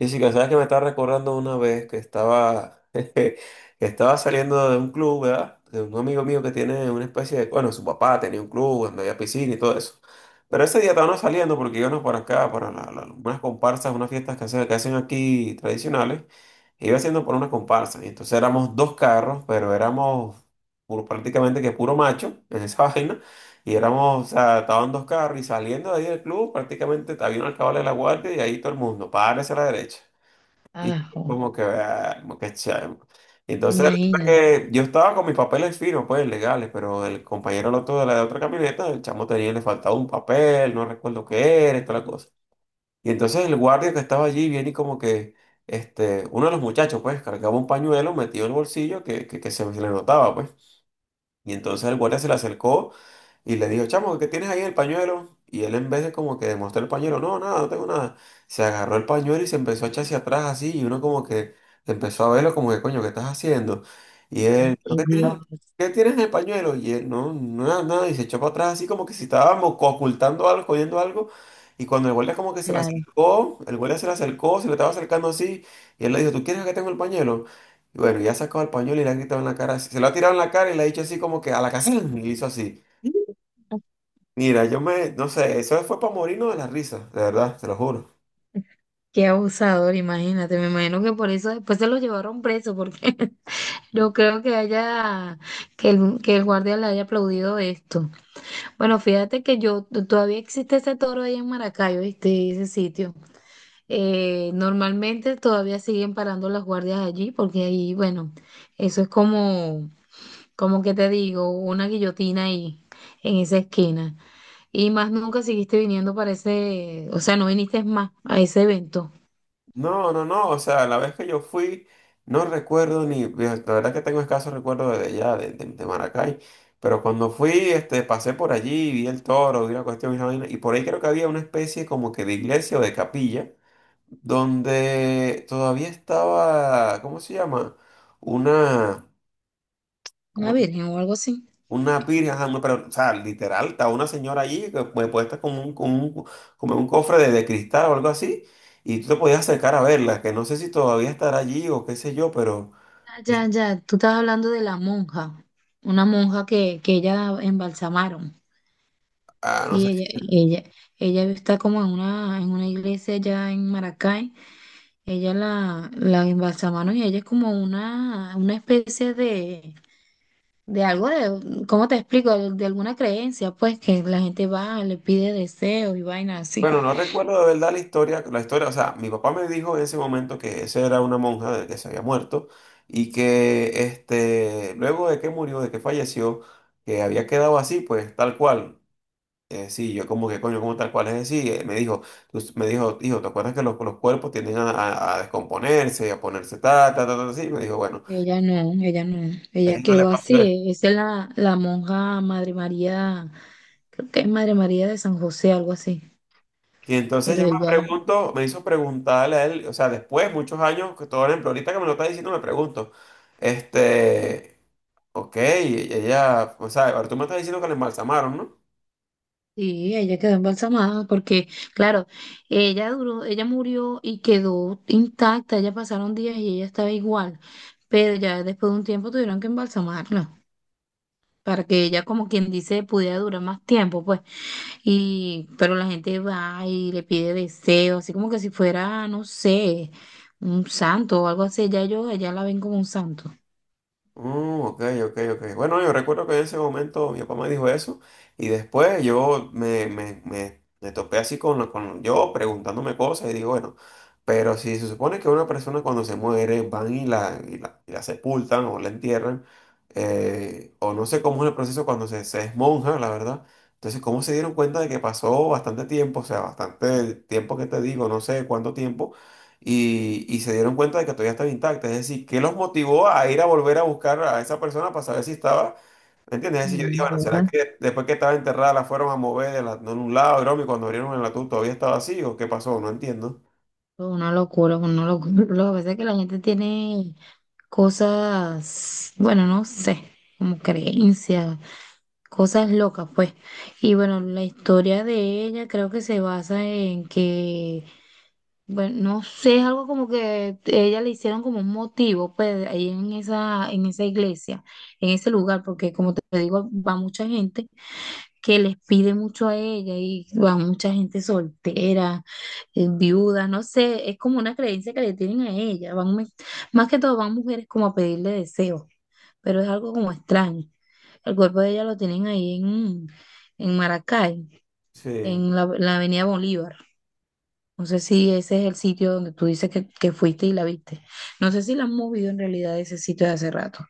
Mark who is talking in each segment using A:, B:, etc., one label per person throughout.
A: Y Jessica, sabes que me estaba recordando una vez que estaba, que estaba saliendo de un club, ¿verdad? De un amigo mío que tiene una especie de, bueno, su papá tenía un club donde había piscina y todo eso. Pero ese día estábamos saliendo porque íbamos para acá, para unas comparsas, unas fiestas que hacen, aquí tradicionales. E iba haciendo por una comparsa. Y entonces éramos dos carros, pero éramos prácticamente que puro macho en esa vaina. Y éramos, o sea, estaban dos carros y saliendo de ahí del club, prácticamente había un alcalde de la guardia y ahí todo el mundo, párese a la derecha. Y
B: Ajo,
A: como que, ah, como que chamo. Entonces, resulta
B: imagínate.
A: que yo estaba con mis papeles finos, pues legales, pero el compañero el otro de la otra camioneta, el chamo tenía, le faltaba un papel, no recuerdo qué era, y toda la cosa. Y entonces el guardia que estaba allí viene y como que, uno de los muchachos, pues, cargaba un pañuelo metido en el bolsillo que se le notaba, pues. Y entonces el guardia se le acercó. Y le dijo, chamo, ¿qué tienes ahí el pañuelo? Y él en vez de como que demostrar el pañuelo, no, nada, no tengo nada. Se agarró el pañuelo y se empezó a echar hacia atrás así y uno como que empezó a verlo como que, coño, ¿qué estás haciendo? Y él, "¿Pero
B: Ay, Dios,
A: qué tienes en el pañuelo?" Y él, no, nada, nada. Y se echó para atrás así como que si estábamos ocultando algo, escondiendo algo. Y cuando el guardia como que se le
B: claro.
A: acercó, se le estaba acercando así. Y él le dijo, ¿tú quieres que tengo el pañuelo? Y bueno, ya sacó el pañuelo y le ha gritado en la cara, así- se lo ha tirado en la cara y le ha dicho así como que a la casa, y hizo así. Mira, yo me, no sé, eso fue para morirnos de la risa, de verdad, te lo juro.
B: Qué abusador, imagínate. Me imagino que por eso después se lo llevaron preso, porque no creo que haya, que el guardia le haya aplaudido esto. Bueno, fíjate que yo, todavía existe ese toro ahí en Maracayo, ¿viste? Ese sitio. Normalmente todavía siguen parando las guardias allí, porque ahí, bueno, eso es como, como que te digo, una guillotina ahí, en esa esquina. Y más nunca seguiste viniendo para ese, o sea, no viniste más a ese evento,
A: No, no, no, o sea, la vez que yo fui, no recuerdo ni, la verdad que tengo escaso recuerdo de allá, de Maracay, pero cuando fui, pasé por allí, vi el toro, vi la cuestión y la vaina, y por ahí creo que había una especie como que de iglesia o de capilla, donde todavía estaba, ¿cómo se llama? Una, ¿cómo?
B: una virgen o algo así.
A: Una pira, ajá, no, pero, o sea, literal, está una señora allí que pues, puesta como en un cofre de cristal o algo así, y tú te podías acercar a verla, que no sé si todavía estará allí o qué sé yo, pero,
B: Ah,
A: eh,
B: ya, ya, tú estás hablando de la monja, una monja que ella embalsamaron.
A: ah, no sé.
B: Sí, ella está como en una iglesia allá en Maracay, ella la embalsamaron y ella es como una especie de algo de, ¿cómo te explico? De alguna creencia, pues, que la gente va, le pide deseos y vainas así.
A: Bueno, no recuerdo de verdad la historia, o sea, mi papá me dijo en ese momento que esa era una monja de- que se había muerto y que, luego de que murió, de que falleció, que había quedado así, pues, tal cual. Sí, yo como que coño, como tal cual es decir, me dijo, me dijo, hijo, ¿te acuerdas que los cuerpos tienden a, a descomponerse, a ponerse tal, tal, tal, tal, así? Me dijo, bueno,
B: Ella no, ella no,
A: a
B: ella
A: él no le
B: quedó
A: pasó eso.
B: así. Esa es la, la monja Madre María, creo que es Madre María de San José, algo así.
A: Y entonces
B: Pero
A: yo me
B: ella,
A: pregunto, me hizo preguntarle a él, o sea, después, muchos años, que todo por ejemplo, ahorita que me lo está diciendo, me pregunto, este, ok, ella, o sea, ahora tú me estás diciendo que la embalsamaron, ¿no?
B: sí, ella quedó embalsamada porque, claro, ella duró, ella murió y quedó intacta. Ella pasaron días y ella estaba igual. Pero ya después de un tiempo tuvieron que embalsamarla para que ella, como quien dice, pudiera durar más tiempo, pues. Y, pero la gente va y le pide deseos, así como que si fuera, no sé, un santo o algo así. Ya yo, ya la ven como un santo.
A: Mm, ok, ok, ok. Bueno, yo recuerdo que en ese momento mi papá me dijo eso y después yo me topé así con, con yo preguntándome cosas y digo, bueno, pero si se supone que una persona cuando se muere van y la sepultan o la entierran, o no sé cómo es el proceso cuando se es monja, la verdad. Entonces, ¿cómo se dieron cuenta de que pasó bastante tiempo? O sea, bastante tiempo que te digo, no sé cuánto tiempo y se dieron cuenta de que todavía estaba intacta. Es decir, ¿qué los motivó a ir a volver a buscar a esa persona para saber si estaba? ¿Me entiendes?
B: Ay,
A: Es decir, yo dije, bueno, ¿será
B: mierda.
A: que después que estaba enterrada la fueron a mover de de un lado, broma, y cuando abrieron el ataúd todavía estaba así o qué pasó? No entiendo.
B: Una locura, una locura. Lo que pasa es que la gente tiene cosas, bueno, no sé, como creencias, cosas locas, pues. Y bueno, la historia de ella creo que se basa en que bueno, no sé, es algo como que ella le hicieron como un motivo, pues, ahí en esa iglesia, en ese lugar, porque como te digo, va mucha gente que les pide mucho a ella y va mucha gente soltera, viuda, no sé, es como una creencia que le tienen a ella, van, más que todo van mujeres como a pedirle deseos, pero es algo como extraño. El cuerpo de ella lo tienen ahí en Maracay,
A: Sí.
B: en la Avenida Bolívar. No sé si ese es el sitio donde tú dices que fuiste y la viste. No sé si la han movido en realidad de ese sitio de hace rato.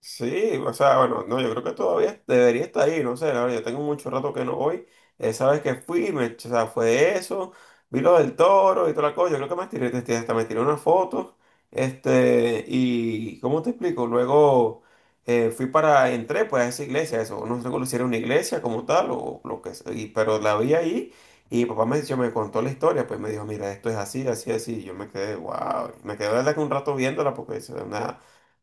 A: Sí, o sea, bueno, no, yo creo que todavía debería estar ahí, no sé, la verdad, yo tengo mucho rato que no voy. Esa vez que fui, me, o sea, fue eso, vi lo del toro y toda la cosa, yo creo que me tiré, hasta me tiré una foto, y, ¿cómo te explico? Luego fui para, entré pues a esa iglesia, eso, no sé si era una iglesia como tal o lo que sea, y- pero la vi ahí y papá dijo me contó la historia, pues me dijo, mira, esto es así, así, así, y yo me quedé, wow, me quedé, la verdad, que un rato viéndola porque es.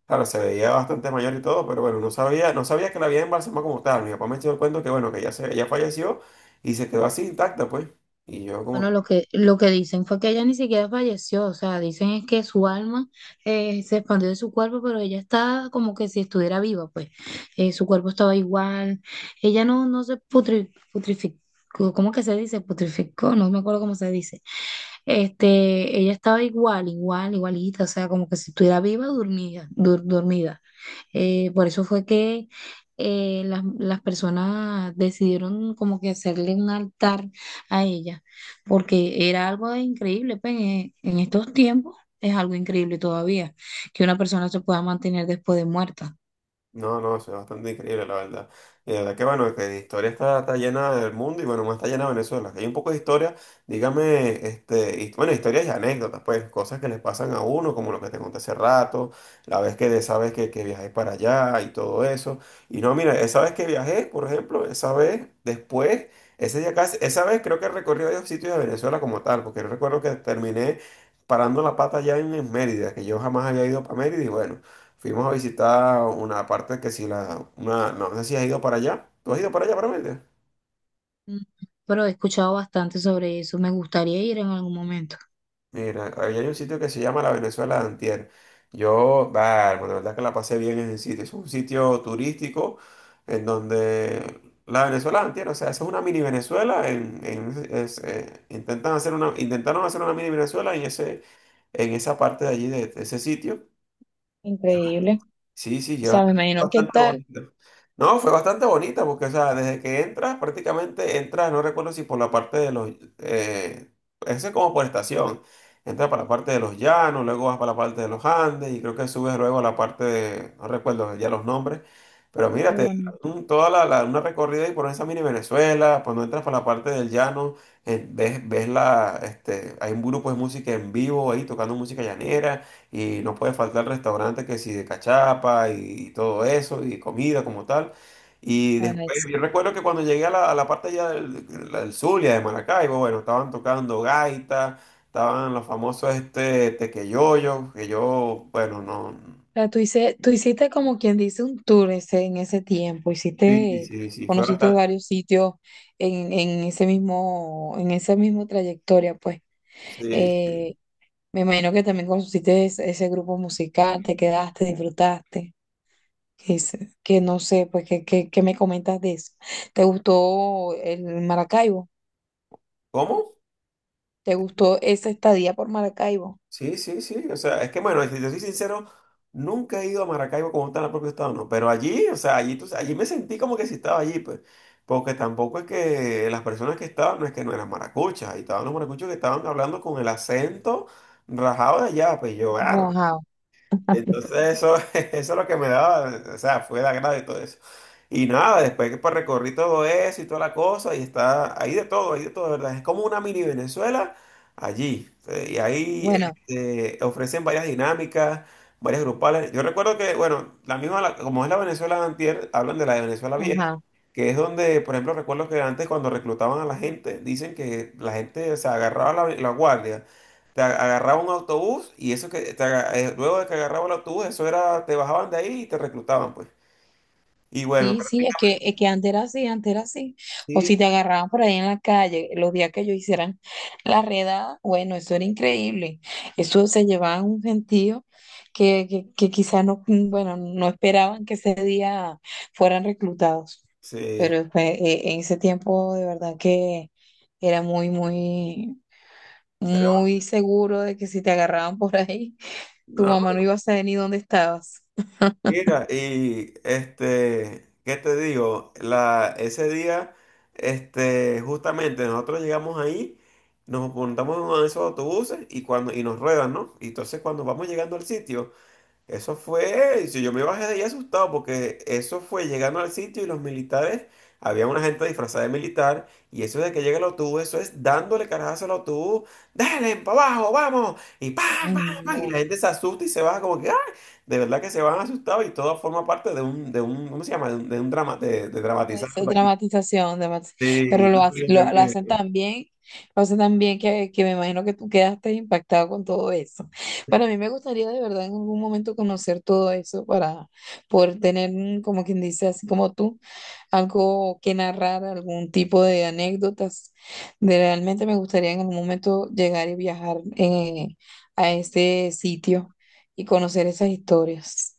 A: Claro, se veía bastante mayor y todo, pero bueno, no sabía, no sabía que la había embalsamado como tal. Mi papá me echó el cuento que bueno, que ya se, ella falleció y se quedó así intacta, pues. Y yo
B: Bueno,
A: como.
B: lo que dicen fue que ella ni siquiera falleció, o sea, dicen es que su alma se expandió de su cuerpo, pero ella está como que si estuviera viva, pues. Su cuerpo estaba igual, ella no, no se putrificó, ¿cómo que se dice? Putrificó, no me acuerdo cómo se dice. Este, ella estaba igual, igual, igualita, o sea, como que si estuviera viva, dormida, dormida. Por eso fue que las personas decidieron como que hacerle un altar a ella, porque era algo increíble, pues, en estos tiempos es algo increíble todavía, que una persona se pueda mantener después de muerta.
A: No, no, eso es bastante increíble, la verdad. Y la verdad que bueno, que de historia está llena del mundo y bueno, más está llena Venezuela. Que hay un poco de historia, dígame, bueno, historias y anécdotas, pues, cosas que les pasan a uno, como lo que te conté hace rato, la vez que de esa vez que viajé para allá y todo eso. Y no, mira, esa vez que viajé, por ejemplo, esa vez después, ese día casi, esa vez creo que recorrí varios sitios de Venezuela como tal, porque yo recuerdo que terminé parando la pata allá en Mérida, que yo jamás había ido para Mérida y bueno. Fuimos a visitar una parte que si la... Una, no sé si has ido para allá. ¿Tú has ido para allá, para Mérida?
B: Mm, pero he escuchado bastante sobre eso, me gustaría ir en algún momento.
A: Mira, ahí hay un sitio que se llama la Venezuela de Antier. Yo, bueno, de verdad que la pasé bien en ese sitio. Es un sitio turístico en donde la Venezuela de Antier, o sea, esa es una mini Venezuela. Intentan hacer una, intentaron hacer una mini Venezuela en ese, en esa parte de allí, de ese sitio.
B: Increíble.
A: Sí, sí,
B: O
A: lleva
B: sea, me imagino qué
A: bastante
B: tal.
A: bonita. No, fue bastante bonita porque, o sea, desde que entras, prácticamente entras, no recuerdo si por la parte de los, eh, ese es como por estación, entras para la parte de los llanos, luego vas para la parte de los Andes y creo que subes luego a la parte de, no recuerdo ya los nombres, pero mira,
B: Qué
A: te dan
B: bueno,
A: toda la, una recorrida y por esa mini Venezuela, cuando entras para la parte del llano, ves, ves la, hay un grupo de música en vivo ahí tocando música llanera. Y no puede faltar el restaurante que si de cachapa y, todo eso, y comida como tal. Y
B: a ver.
A: después, yo recuerdo que cuando llegué a la parte ya del Zulia, de Maracaibo, bueno, estaban tocando gaita, estaban los famosos este tequeyoyos, que yo, bueno, no.
B: O sea, tú hiciste como quien dice un tour ese, en ese tiempo,
A: Sí,
B: hiciste,
A: sí, sí, fue
B: conociste
A: bastante.
B: varios sitios en ese mismo, en esa misma trayectoria, pues.
A: Sí, sí.
B: Eh, Me imagino que también conociste ese, ese grupo musical, te quedaste, disfrutaste. Que, es- que no sé, pues, ¿qué me comentas de eso? ¿Te gustó el Maracaibo?
A: ¿Cómo?
B: ¿Te gustó esa estadía por Maracaibo?
A: Sí, sí, sí. O sea, es que bueno, si te soy sincero, nunca he ido a Maracaibo como está en el propio estado, no. Pero allí, o sea, allí, allí me sentí como que si estaba allí, pues. Porque tampoco es que las personas que estaban, no es que no eran maracuchas, ahí estaban los maracuchos que estaban hablando con el acento rajado de allá, pues yo, "Ah,
B: Ajá.
A: entonces eso," eso es lo que me daba, o sea, fue el agrado y todo eso. Y nada, después que pues recorrí todo eso y toda la cosa, y está, ahí de todo, de ¿verdad? Es como una mini Venezuela allí. Y ahí
B: Bueno,
A: ofrecen varias dinámicas, varias grupales. Yo recuerdo que, bueno, la misma, como es la Venezuela de antier, hablan de la de Venezuela vieja
B: ajá.
A: que es donde, por ejemplo, recuerdo que antes cuando reclutaban a la gente, dicen que la gente se agarraba la guardia, agarraba un autobús y eso luego de que agarraba el autobús, eso era, te bajaban de ahí y te reclutaban, pues. Y bueno,
B: Sí, sí,
A: prácticamente
B: es que antes era así, antes era así. O si
A: sí,
B: te agarraban por ahí en la calle, los días que ellos hicieran la redada, bueno, eso era increíble. Eso se llevaban un gentío que quizás no, mm, bueno, no esperaban que ese día fueran reclutados.
A: sí,
B: En ese tiempo de verdad que era muy, muy,
A: pero
B: muy seguro de que si te agarraban por ahí, tu
A: no,
B: mamá no iba a saber ni dónde estabas.
A: mira, y este, ¿qué te digo? La, ese día, justamente nosotros llegamos ahí. Nos montamos en uno de esos autobuses y cuando y nos ruedan, ¿no? Y entonces cuando vamos llegando al sitio, eso fue, si yo me bajé de ahí asustado porque eso fue llegando al sitio y los militares, había una gente disfrazada de militar y eso de que llega el autobús, eso es dándole carajazo al autobús, dale, para abajo, vamos, y pam,
B: Ay,
A: pam, pam, y
B: no,
A: la gente se asusta y se baja como que, ¡ah! De verdad que se van asustados y todo forma parte de un, ¿cómo se llama? De un drama, de dramatizar
B: esa
A: algo allí.
B: dramatización,
A: Sí,
B: pero
A: no fue lo que
B: lo hacen
A: vi.
B: tan bien, lo hacen tan bien que me imagino que tú quedaste impactado con todo eso. Para mí me gustaría de verdad en algún momento conocer todo eso para poder tener, mm, como quien dice, así como tú, algo que narrar, algún tipo de anécdotas. Realmente me gustaría en algún momento llegar y viajar a ese sitio y conocer esas historias.